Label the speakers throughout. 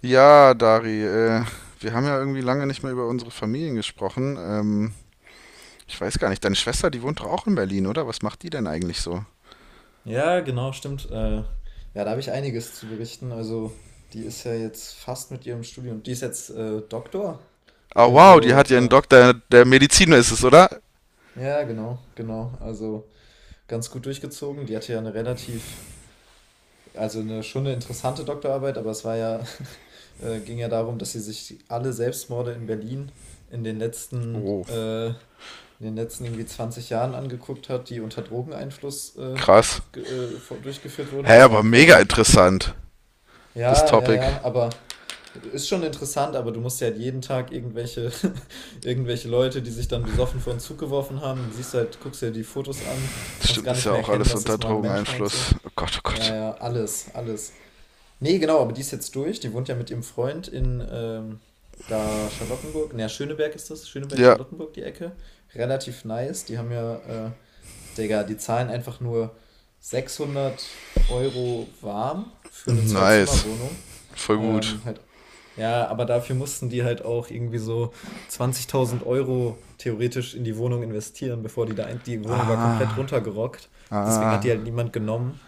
Speaker 1: Ja, Dari, wir haben ja irgendwie lange nicht mehr über unsere Familien gesprochen. Ich weiß gar nicht, deine Schwester, die wohnt doch auch in Berlin, oder? Was macht die denn eigentlich so?
Speaker 2: Ja, genau, stimmt. Ja, da habe ich einiges zu berichten. Also, die ist ja jetzt fast mit ihrem Studium. Die ist jetzt Doktor.
Speaker 1: Ah, wow, die
Speaker 2: Also,
Speaker 1: hat ja einen
Speaker 2: äh,
Speaker 1: Doktor der Medizin, ist es, oder?
Speaker 2: ja, genau, genau. Also, ganz gut durchgezogen. Die hatte ja eine relativ, also eine, schon eine interessante Doktorarbeit, aber es war ja, ging ja darum, dass sie sich alle Selbstmorde in Berlin
Speaker 1: Oh,
Speaker 2: in den letzten irgendwie 20 Jahren angeguckt hat, die unter Drogeneinfluss
Speaker 1: krass.
Speaker 2: durchgeführt wurden.
Speaker 1: Hä,
Speaker 2: Das war
Speaker 1: aber
Speaker 2: ja
Speaker 1: mega
Speaker 2: quasi.
Speaker 1: interessant, das
Speaker 2: Ja, ja,
Speaker 1: Topic.
Speaker 2: ja, aber ist schon interessant, aber du musst ja halt jeden Tag irgendwelche, irgendwelche Leute, die sich dann besoffen vor den Zug geworfen haben, dann siehst du halt, guckst dir die Fotos an, kannst
Speaker 1: Stimmt,
Speaker 2: gar
Speaker 1: ist
Speaker 2: nicht
Speaker 1: ja
Speaker 2: mehr
Speaker 1: auch
Speaker 2: erkennen,
Speaker 1: alles
Speaker 2: dass
Speaker 1: unter
Speaker 2: das mal ein Mensch war und so.
Speaker 1: Drogeneinfluss. Oh Gott, oh
Speaker 2: Ja,
Speaker 1: Gott.
Speaker 2: ja, alles, alles. Nee, genau, aber die ist jetzt durch, die wohnt ja mit ihrem Freund in da Charlottenburg, naja, Schöneberg ist das, Schöneberg,
Speaker 1: Ja,
Speaker 2: Charlottenburg, die Ecke. Relativ nice, die haben ja Digga, die zahlen einfach nur 600 Euro warm für eine
Speaker 1: nice.
Speaker 2: Zwei-Zimmer-Wohnung.
Speaker 1: Voll gut.
Speaker 2: Halt, ja, aber dafür mussten die halt auch irgendwie so 20.000 Euro theoretisch in die Wohnung investieren, bevor die Wohnung war komplett
Speaker 1: Ah,
Speaker 2: runtergerockt. Deswegen hat die halt
Speaker 1: ah.
Speaker 2: niemand genommen.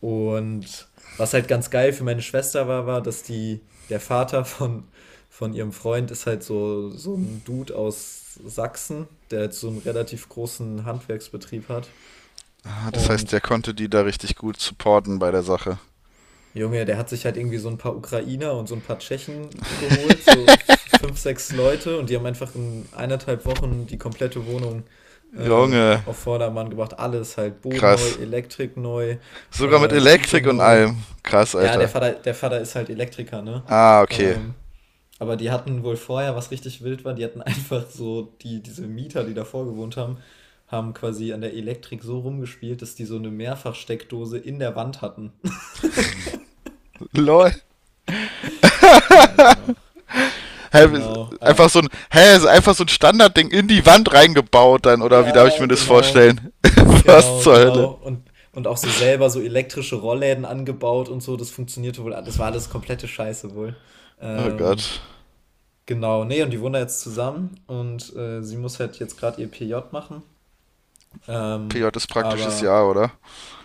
Speaker 2: Und was halt ganz geil für meine Schwester war, war, dass die, der Vater von ihrem Freund ist halt so, so ein Dude aus Sachsen, der halt so einen relativ großen Handwerksbetrieb hat.
Speaker 1: Ah, das heißt, der
Speaker 2: Und
Speaker 1: konnte die da richtig gut supporten bei der Sache.
Speaker 2: Junge, der hat sich halt irgendwie so ein paar Ukrainer und so ein paar Tschechen geholt, so fünf, sechs Leute, und die haben einfach in 1,5 Wochen die komplette Wohnung äh,
Speaker 1: Junge,
Speaker 2: auf Vordermann gebracht. Alles halt, Boden neu,
Speaker 1: krass.
Speaker 2: Elektrik neu,
Speaker 1: Sogar mit
Speaker 2: Küche
Speaker 1: Elektrik und
Speaker 2: neu.
Speaker 1: allem. Krass,
Speaker 2: Ja, der
Speaker 1: Alter.
Speaker 2: Vater, der Vater ist halt Elektriker, ne?
Speaker 1: Ah, okay.
Speaker 2: Ähm, aber die hatten wohl vorher, was richtig wild war, die hatten einfach so, die, diese Mieter, die davor gewohnt haben, haben quasi an der Elektrik so rumgespielt, dass die so eine Mehrfachsteckdose in der Wand hatten.
Speaker 1: Lol.
Speaker 2: Ja, genau.
Speaker 1: Hä,
Speaker 2: Genau.
Speaker 1: einfach so ein, hä, ist einfach so ein Standardding in die Wand reingebaut dann, oder wie darf ich
Speaker 2: Ja,
Speaker 1: mir das
Speaker 2: genau.
Speaker 1: vorstellen? Was
Speaker 2: Genau,
Speaker 1: zur
Speaker 2: genau.
Speaker 1: Hölle?
Speaker 2: Und auch so selber so elektrische Rollläden angebaut und so, das funktionierte wohl. Das war alles komplette Scheiße wohl.
Speaker 1: Oh
Speaker 2: Ähm,
Speaker 1: Gott.
Speaker 2: genau. Nee, und die wohnen da jetzt zusammen und sie muss halt jetzt gerade ihr PJ machen.
Speaker 1: PJ
Speaker 2: Ähm,
Speaker 1: ist praktisches
Speaker 2: aber
Speaker 1: Jahr, oder?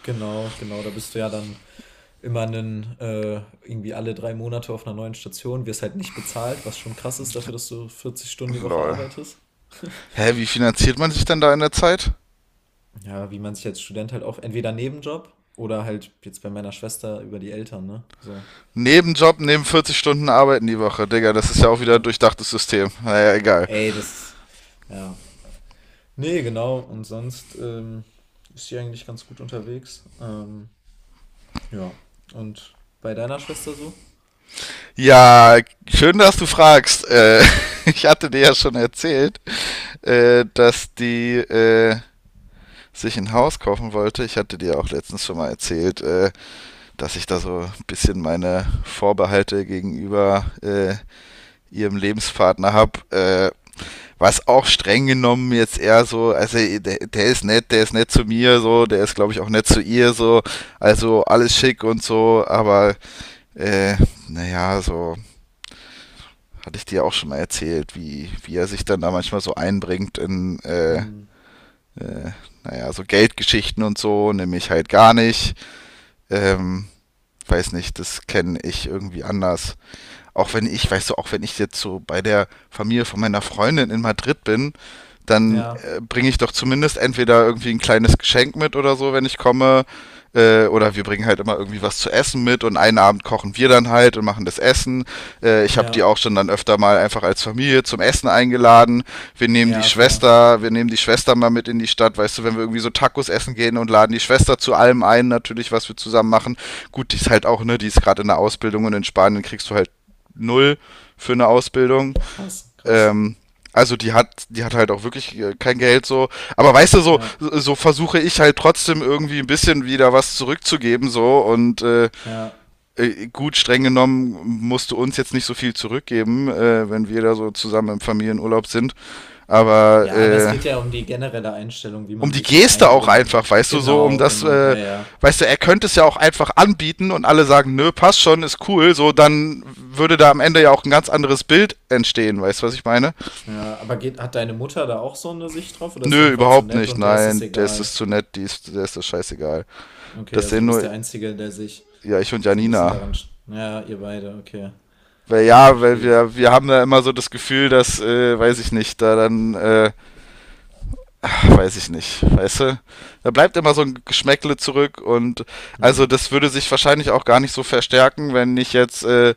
Speaker 2: genau, genau, da bist du ja dann immer einen, äh, irgendwie alle 3 Monate auf einer neuen Station, wirst halt nicht bezahlt, was schon krass ist dafür, dass du 40 Stunden die Woche
Speaker 1: Lol.
Speaker 2: arbeitest.
Speaker 1: Hä, wie finanziert man sich denn da in der Zeit?
Speaker 2: Ja, wie man sich als Student halt auch entweder Nebenjob oder halt jetzt bei meiner Schwester über die Eltern, ne? So.
Speaker 1: Nebenjob, neben 40 Stunden Arbeiten die Woche. Digga, das ist ja auch wieder ein
Speaker 2: Ja.
Speaker 1: durchdachtes System. Naja, egal.
Speaker 2: Ey, das. Ja. Nee, genau. Und sonst ist sie eigentlich ganz gut unterwegs. Ja. Und bei deiner Schwester so?
Speaker 1: Ja, schön, dass du fragst. Ich hatte dir ja schon erzählt, dass die, sich ein Haus kaufen wollte. Ich hatte dir auch letztens schon mal erzählt, dass ich da so ein bisschen meine Vorbehalte gegenüber ihrem Lebenspartner habe, was auch streng genommen jetzt eher so, also der ist nett, der ist nett zu mir, so, der ist glaube ich auch nett zu ihr, so, also alles schick und so, aber äh, naja, so hatte ich dir auch schon mal erzählt, wie er sich dann da manchmal so einbringt in,
Speaker 2: Hm.
Speaker 1: äh, naja, so Geldgeschichten und so, nämlich halt gar nicht. Ähm, weiß nicht, das kenne ich irgendwie anders, auch wenn ich, weißt du, auch wenn ich jetzt so bei der Familie von meiner Freundin in Madrid bin, dann
Speaker 2: Ja.
Speaker 1: bringe ich doch zumindest entweder irgendwie ein kleines Geschenk mit oder so, wenn ich komme. Oder wir bringen halt immer irgendwie was zu essen mit, und einen Abend kochen wir dann halt und machen das Essen. Ich habe die
Speaker 2: Ja.
Speaker 1: auch schon dann öfter mal einfach als Familie zum Essen eingeladen. Wir nehmen die
Speaker 2: Ja, fair.
Speaker 1: Schwester, wir nehmen die Schwester mal mit in die Stadt, weißt du, wenn wir irgendwie so Tacos essen gehen, und laden die Schwester zu allem ein, natürlich, was wir zusammen machen. Gut, die ist halt auch, ne, die ist gerade in der Ausbildung, und in Spanien kriegst du halt null für eine Ausbildung.
Speaker 2: Krass, krass.
Speaker 1: Ähm, also die hat halt auch wirklich kein Geld so. Aber weißt du, so,
Speaker 2: Ja.
Speaker 1: so versuche ich halt trotzdem irgendwie ein bisschen wieder was zurückzugeben so. Und
Speaker 2: Ja.
Speaker 1: gut, streng genommen musst du uns jetzt nicht so viel zurückgeben, wenn wir da so zusammen im Familienurlaub sind. Aber
Speaker 2: Ja, aber es geht ja um die generelle Einstellung, wie
Speaker 1: um
Speaker 2: man
Speaker 1: die
Speaker 2: sich so
Speaker 1: Geste auch
Speaker 2: einbringt.
Speaker 1: einfach, weißt du, so um
Speaker 2: Genau,
Speaker 1: das,
Speaker 2: genau. Ja, ja.
Speaker 1: weißt du, er könnte es ja auch einfach anbieten, und alle sagen, nö, passt schon, ist cool, so, dann würde da am Ende ja auch ein ganz anderes Bild entstehen, weißt du, was ich meine?
Speaker 2: Ja, aber geht, hat deine Mutter da auch so eine Sicht drauf oder ist sie
Speaker 1: Nö,
Speaker 2: einfach zu
Speaker 1: überhaupt
Speaker 2: nett
Speaker 1: nicht,
Speaker 2: und der ist es
Speaker 1: nein, der ist es
Speaker 2: egal?
Speaker 1: zu nett, die ist, der ist das scheißegal.
Speaker 2: Okay,
Speaker 1: Das
Speaker 2: also
Speaker 1: sehen
Speaker 2: du bist
Speaker 1: nur,
Speaker 2: der Einzige, der sich
Speaker 1: ja, ich und
Speaker 2: so ein bisschen
Speaker 1: Janina.
Speaker 2: daran. Ja, ihr beide, okay.
Speaker 1: Weil ja, weil
Speaker 2: Verstehe ich.
Speaker 1: wir haben da immer so das Gefühl, dass, weiß ich nicht, da dann, weiß ich nicht, weißt du? Da bleibt immer so ein Geschmäckle zurück, und also
Speaker 2: Hm,
Speaker 1: das würde sich wahrscheinlich auch gar nicht so verstärken, wenn nicht jetzt äh,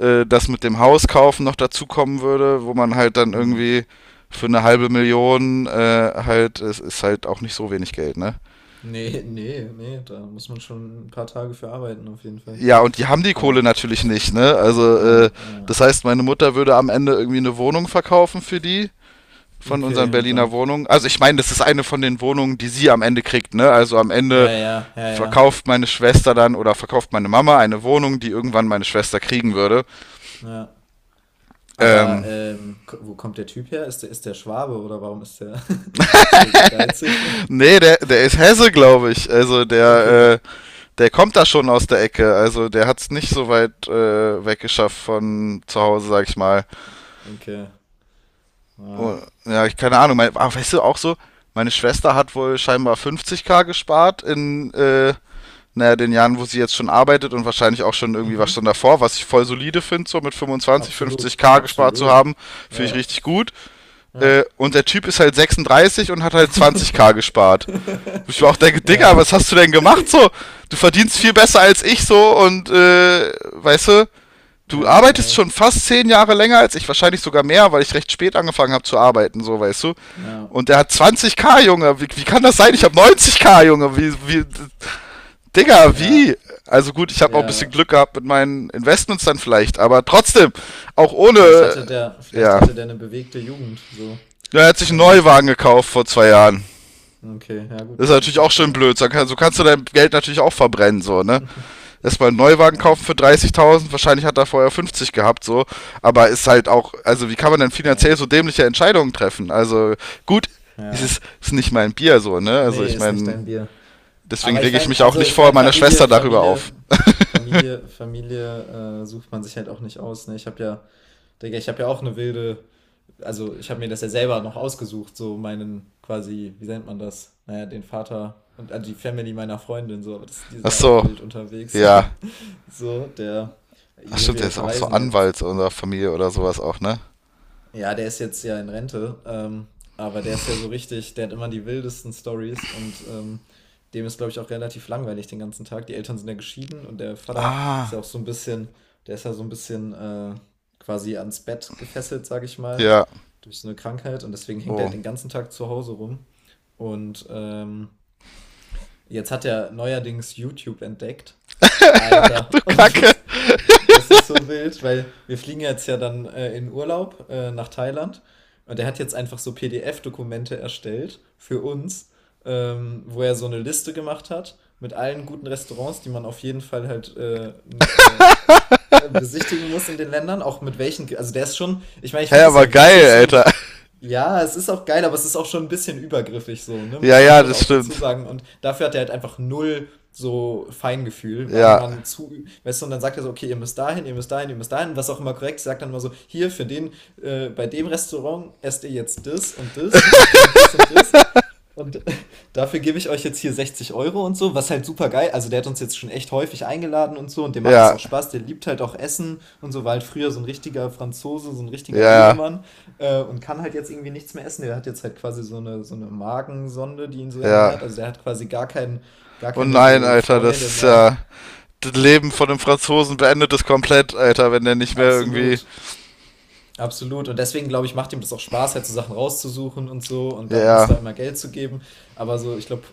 Speaker 1: äh, das mit dem Haus kaufen noch dazukommen würde, wo man halt dann
Speaker 2: hm.
Speaker 1: irgendwie für eine halbe Million halt, es ist halt auch nicht so wenig Geld, ne?
Speaker 2: Nee, nee, nee, da muss man schon ein paar Tage für arbeiten, auf jeden Fall.
Speaker 1: Ja, und die haben die Kohle
Speaker 2: Bei.
Speaker 1: natürlich nicht, ne? Also, äh,
Speaker 2: Ja, ja.
Speaker 1: das heißt, meine Mutter würde am Ende irgendwie eine Wohnung verkaufen für die von
Speaker 2: Okay,
Speaker 1: unseren
Speaker 2: und
Speaker 1: Berliner
Speaker 2: dann.
Speaker 1: Wohnungen. Also ich meine, das ist eine von den Wohnungen, die sie am Ende kriegt, ne? Also am
Speaker 2: Ja,
Speaker 1: Ende
Speaker 2: ja, ja, ja.
Speaker 1: verkauft meine Schwester dann, oder verkauft meine Mama eine Wohnung, die irgendwann meine Schwester kriegen würde.
Speaker 2: Ja. Aber
Speaker 1: Ähm,
Speaker 2: wo kommt der Typ her? Ist der Schwabe oder warum ist der, ist der so geizig?
Speaker 1: Nee, der ist Hesse, glaube ich. Also
Speaker 2: Okay,
Speaker 1: der kommt da schon aus der Ecke. Also der hat es nicht so weit weggeschafft von zu Hause, sag ich mal.
Speaker 2: okay.
Speaker 1: Oh,
Speaker 2: Ja.
Speaker 1: ja, ich keine Ahnung. Mein, ah, weißt du, auch so, meine Schwester hat wohl scheinbar 50K gespart in, naja, den Jahren, wo sie jetzt schon arbeitet, und wahrscheinlich auch schon irgendwie was
Speaker 2: Mhm.
Speaker 1: schon davor, was ich voll solide finde, so mit 25,
Speaker 2: Absolut,
Speaker 1: 50K gespart zu
Speaker 2: absolut.
Speaker 1: haben, finde ich
Speaker 2: Ja,
Speaker 1: richtig gut.
Speaker 2: ja.
Speaker 1: Und der Typ ist halt 36 und hat halt 20K gespart. Ich war auch denke, Digga, was
Speaker 2: Ja,
Speaker 1: hast du denn gemacht so? Du verdienst viel besser als ich so, und weißt du, du
Speaker 2: ja,
Speaker 1: arbeitest
Speaker 2: ja,
Speaker 1: schon fast 10 Jahre länger als ich, wahrscheinlich sogar mehr, weil ich recht spät angefangen habe zu arbeiten, so weißt du.
Speaker 2: ja,
Speaker 1: Und der hat 20K, Junge, wie kann das sein? Ich habe 90K, Junge, Digga,
Speaker 2: ja,
Speaker 1: wie? Also gut, ich habe auch ein bisschen
Speaker 2: ja.
Speaker 1: Glück gehabt mit meinen Investments dann vielleicht, aber trotzdem, auch ohne,
Speaker 2: Vielleicht
Speaker 1: ja.
Speaker 2: hatte der eine bewegte Jugend, so.
Speaker 1: Ja, er hat sich einen
Speaker 2: Ähm,
Speaker 1: Neuwagen gekauft vor 2 Jahren.
Speaker 2: okay, ja gut,
Speaker 1: Das ist
Speaker 2: das ist
Speaker 1: natürlich
Speaker 2: natürlich
Speaker 1: auch schön
Speaker 2: teuer.
Speaker 1: blöd. So kannst du dein Geld natürlich auch verbrennen, so, ne? Erstmal einen Neuwagen
Speaker 2: Ja,
Speaker 1: kaufen für 30.000, wahrscheinlich hat er vorher 50 gehabt, so. Aber ist halt auch, also wie kann man denn finanziell
Speaker 2: ja,
Speaker 1: so dämliche Entscheidungen treffen? Also gut, es
Speaker 2: ja.
Speaker 1: ist, ist nicht mein Bier, so, ne? Also
Speaker 2: Nee,
Speaker 1: ich
Speaker 2: ist nicht
Speaker 1: meine,
Speaker 2: dein Bier.
Speaker 1: deswegen
Speaker 2: Aber ich
Speaker 1: rege ich
Speaker 2: meine,
Speaker 1: mich auch
Speaker 2: also
Speaker 1: nicht
Speaker 2: ich
Speaker 1: vor
Speaker 2: meine,
Speaker 1: meiner Schwester darüber auf.
Speaker 2: Familie sucht man sich halt auch nicht aus. Ne? Ich habe ja, Digga, ich habe ja auch eine wilde, also ich habe mir das ja selber noch ausgesucht, so meinen quasi, wie nennt man das? Naja, den Vater und die Family meiner Freundin, so, aber das, die sind
Speaker 1: Ach
Speaker 2: ja auch
Speaker 1: so,
Speaker 2: wild unterwegs.
Speaker 1: ja.
Speaker 2: so, der,
Speaker 1: Ach stimmt, der
Speaker 2: wir
Speaker 1: ist auch so
Speaker 2: verreisen jetzt
Speaker 1: Anwalt unserer Familie oder sowas auch, ne?
Speaker 2: ja, der ist jetzt ja in Rente, aber der ist ja so richtig, der hat immer die wildesten Stories und dem ist, glaube ich, auch relativ langweilig den ganzen Tag. Die Eltern sind ja geschieden und der Vater ist ja
Speaker 1: Ah.
Speaker 2: auch so ein bisschen, der ist ja so ein bisschen quasi ans Bett gefesselt, sage ich mal,
Speaker 1: Ja.
Speaker 2: durch so eine Krankheit und deswegen hängt er
Speaker 1: Oh.
Speaker 2: halt den ganzen Tag zu Hause rum. Und jetzt hat er neuerdings YouTube entdeckt.
Speaker 1: Du
Speaker 2: Alter,
Speaker 1: Kacke.
Speaker 2: das ist so wild, weil wir fliegen jetzt ja dann in Urlaub nach Thailand und er hat jetzt einfach so PDF-Dokumente erstellt für uns, wo er so eine Liste gemacht hat mit allen guten Restaurants, die man auf jeden Fall halt besichtigen muss in den Ländern, auch mit welchen, also der ist schon, ich meine, ich
Speaker 1: Hä,
Speaker 2: finde es
Speaker 1: aber
Speaker 2: ja
Speaker 1: geil,
Speaker 2: witzig so,
Speaker 1: Alter.
Speaker 2: mich, ja, es ist auch geil, aber es ist auch schon ein bisschen übergriffig so, ne,
Speaker 1: Ja,
Speaker 2: muss man
Speaker 1: ja,
Speaker 2: schon
Speaker 1: das
Speaker 2: auch dazu
Speaker 1: stimmt.
Speaker 2: sagen und dafür hat er halt einfach null so Feingefühl, wann
Speaker 1: Ja.
Speaker 2: man zu, weißt du, und dann sagt er so, okay, ihr müsst dahin, ihr müsst dahin, ihr müsst dahin, was auch immer korrekt, ist, sagt dann immer so, hier für den, bei dem Restaurant esst ihr jetzt das und das und trinkt das und das und dafür gebe ich euch jetzt hier 60 Euro und so, was halt super geil. Also der hat uns jetzt schon echt häufig eingeladen und so und dem macht es
Speaker 1: Ja.
Speaker 2: auch Spaß. Der liebt halt auch Essen und so, war halt früher so ein richtiger Franzose, so ein
Speaker 1: Ja,
Speaker 2: richtiger
Speaker 1: ja.
Speaker 2: Lebemann und kann halt jetzt irgendwie nichts mehr essen. Der hat jetzt halt quasi so eine Magensonde, die ihn so
Speaker 1: Ja.
Speaker 2: ernährt. Also der hat quasi gar keinen, gar
Speaker 1: Oh
Speaker 2: keine
Speaker 1: nein,
Speaker 2: so
Speaker 1: Alter, das
Speaker 2: Freude
Speaker 1: ist
Speaker 2: mehr.
Speaker 1: ja. Das Leben von einem Franzosen beendet es komplett, Alter, wenn der nicht mehr irgendwie.
Speaker 2: Absolut. Absolut. Und deswegen, glaube ich, macht ihm das auch Spaß, halt so Sachen rauszusuchen und so und dann uns
Speaker 1: Ja,
Speaker 2: da immer Geld zu geben. Aber so, ich glaube,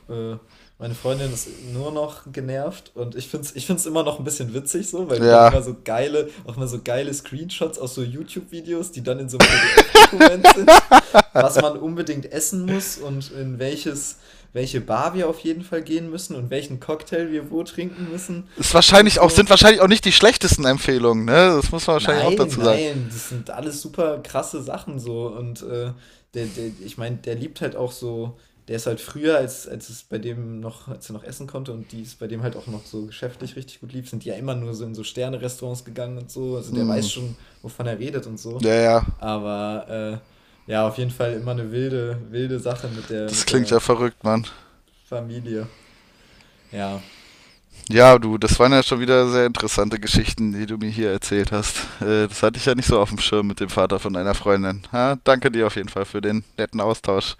Speaker 2: meine Freundin ist nur noch genervt und ich finde es ich find's immer noch ein bisschen witzig so, weil du dann immer
Speaker 1: ja.
Speaker 2: so geile, auch mal so geile Screenshots aus so YouTube-Videos, die dann in so einem PDF-Dokument sind, was man unbedingt essen muss und in welches, welche Bar wir auf jeden Fall gehen müssen und welchen Cocktail wir wo trinken müssen
Speaker 1: Ist
Speaker 2: und
Speaker 1: wahrscheinlich auch,
Speaker 2: so.
Speaker 1: sind wahrscheinlich auch nicht die schlechtesten Empfehlungen, ne? Das muss man wahrscheinlich auch
Speaker 2: Nein,
Speaker 1: dazu sagen.
Speaker 2: nein, das sind alles super krasse Sachen so. Und der, ich meine, der liebt halt auch so, der ist halt früher, als es bei dem noch, als er noch essen konnte und die es bei dem halt auch noch so geschäftlich richtig gut lief, sind die ja immer nur so in so Sterne-Restaurants gegangen und so. Also der
Speaker 1: Hm.
Speaker 2: weiß schon, wovon er redet und so.
Speaker 1: Ja, ja.
Speaker 2: Aber ja, auf jeden Fall immer eine wilde Sache mit
Speaker 1: Das
Speaker 2: mit
Speaker 1: klingt ja
Speaker 2: der
Speaker 1: verrückt, Mann.
Speaker 2: Familie. Ja.
Speaker 1: Ja, du, das waren ja schon wieder sehr interessante Geschichten, die du mir hier erzählt hast. Das hatte ich ja nicht so auf dem Schirm mit dem Vater von einer Freundin. Ha, danke dir auf jeden Fall für den netten Austausch.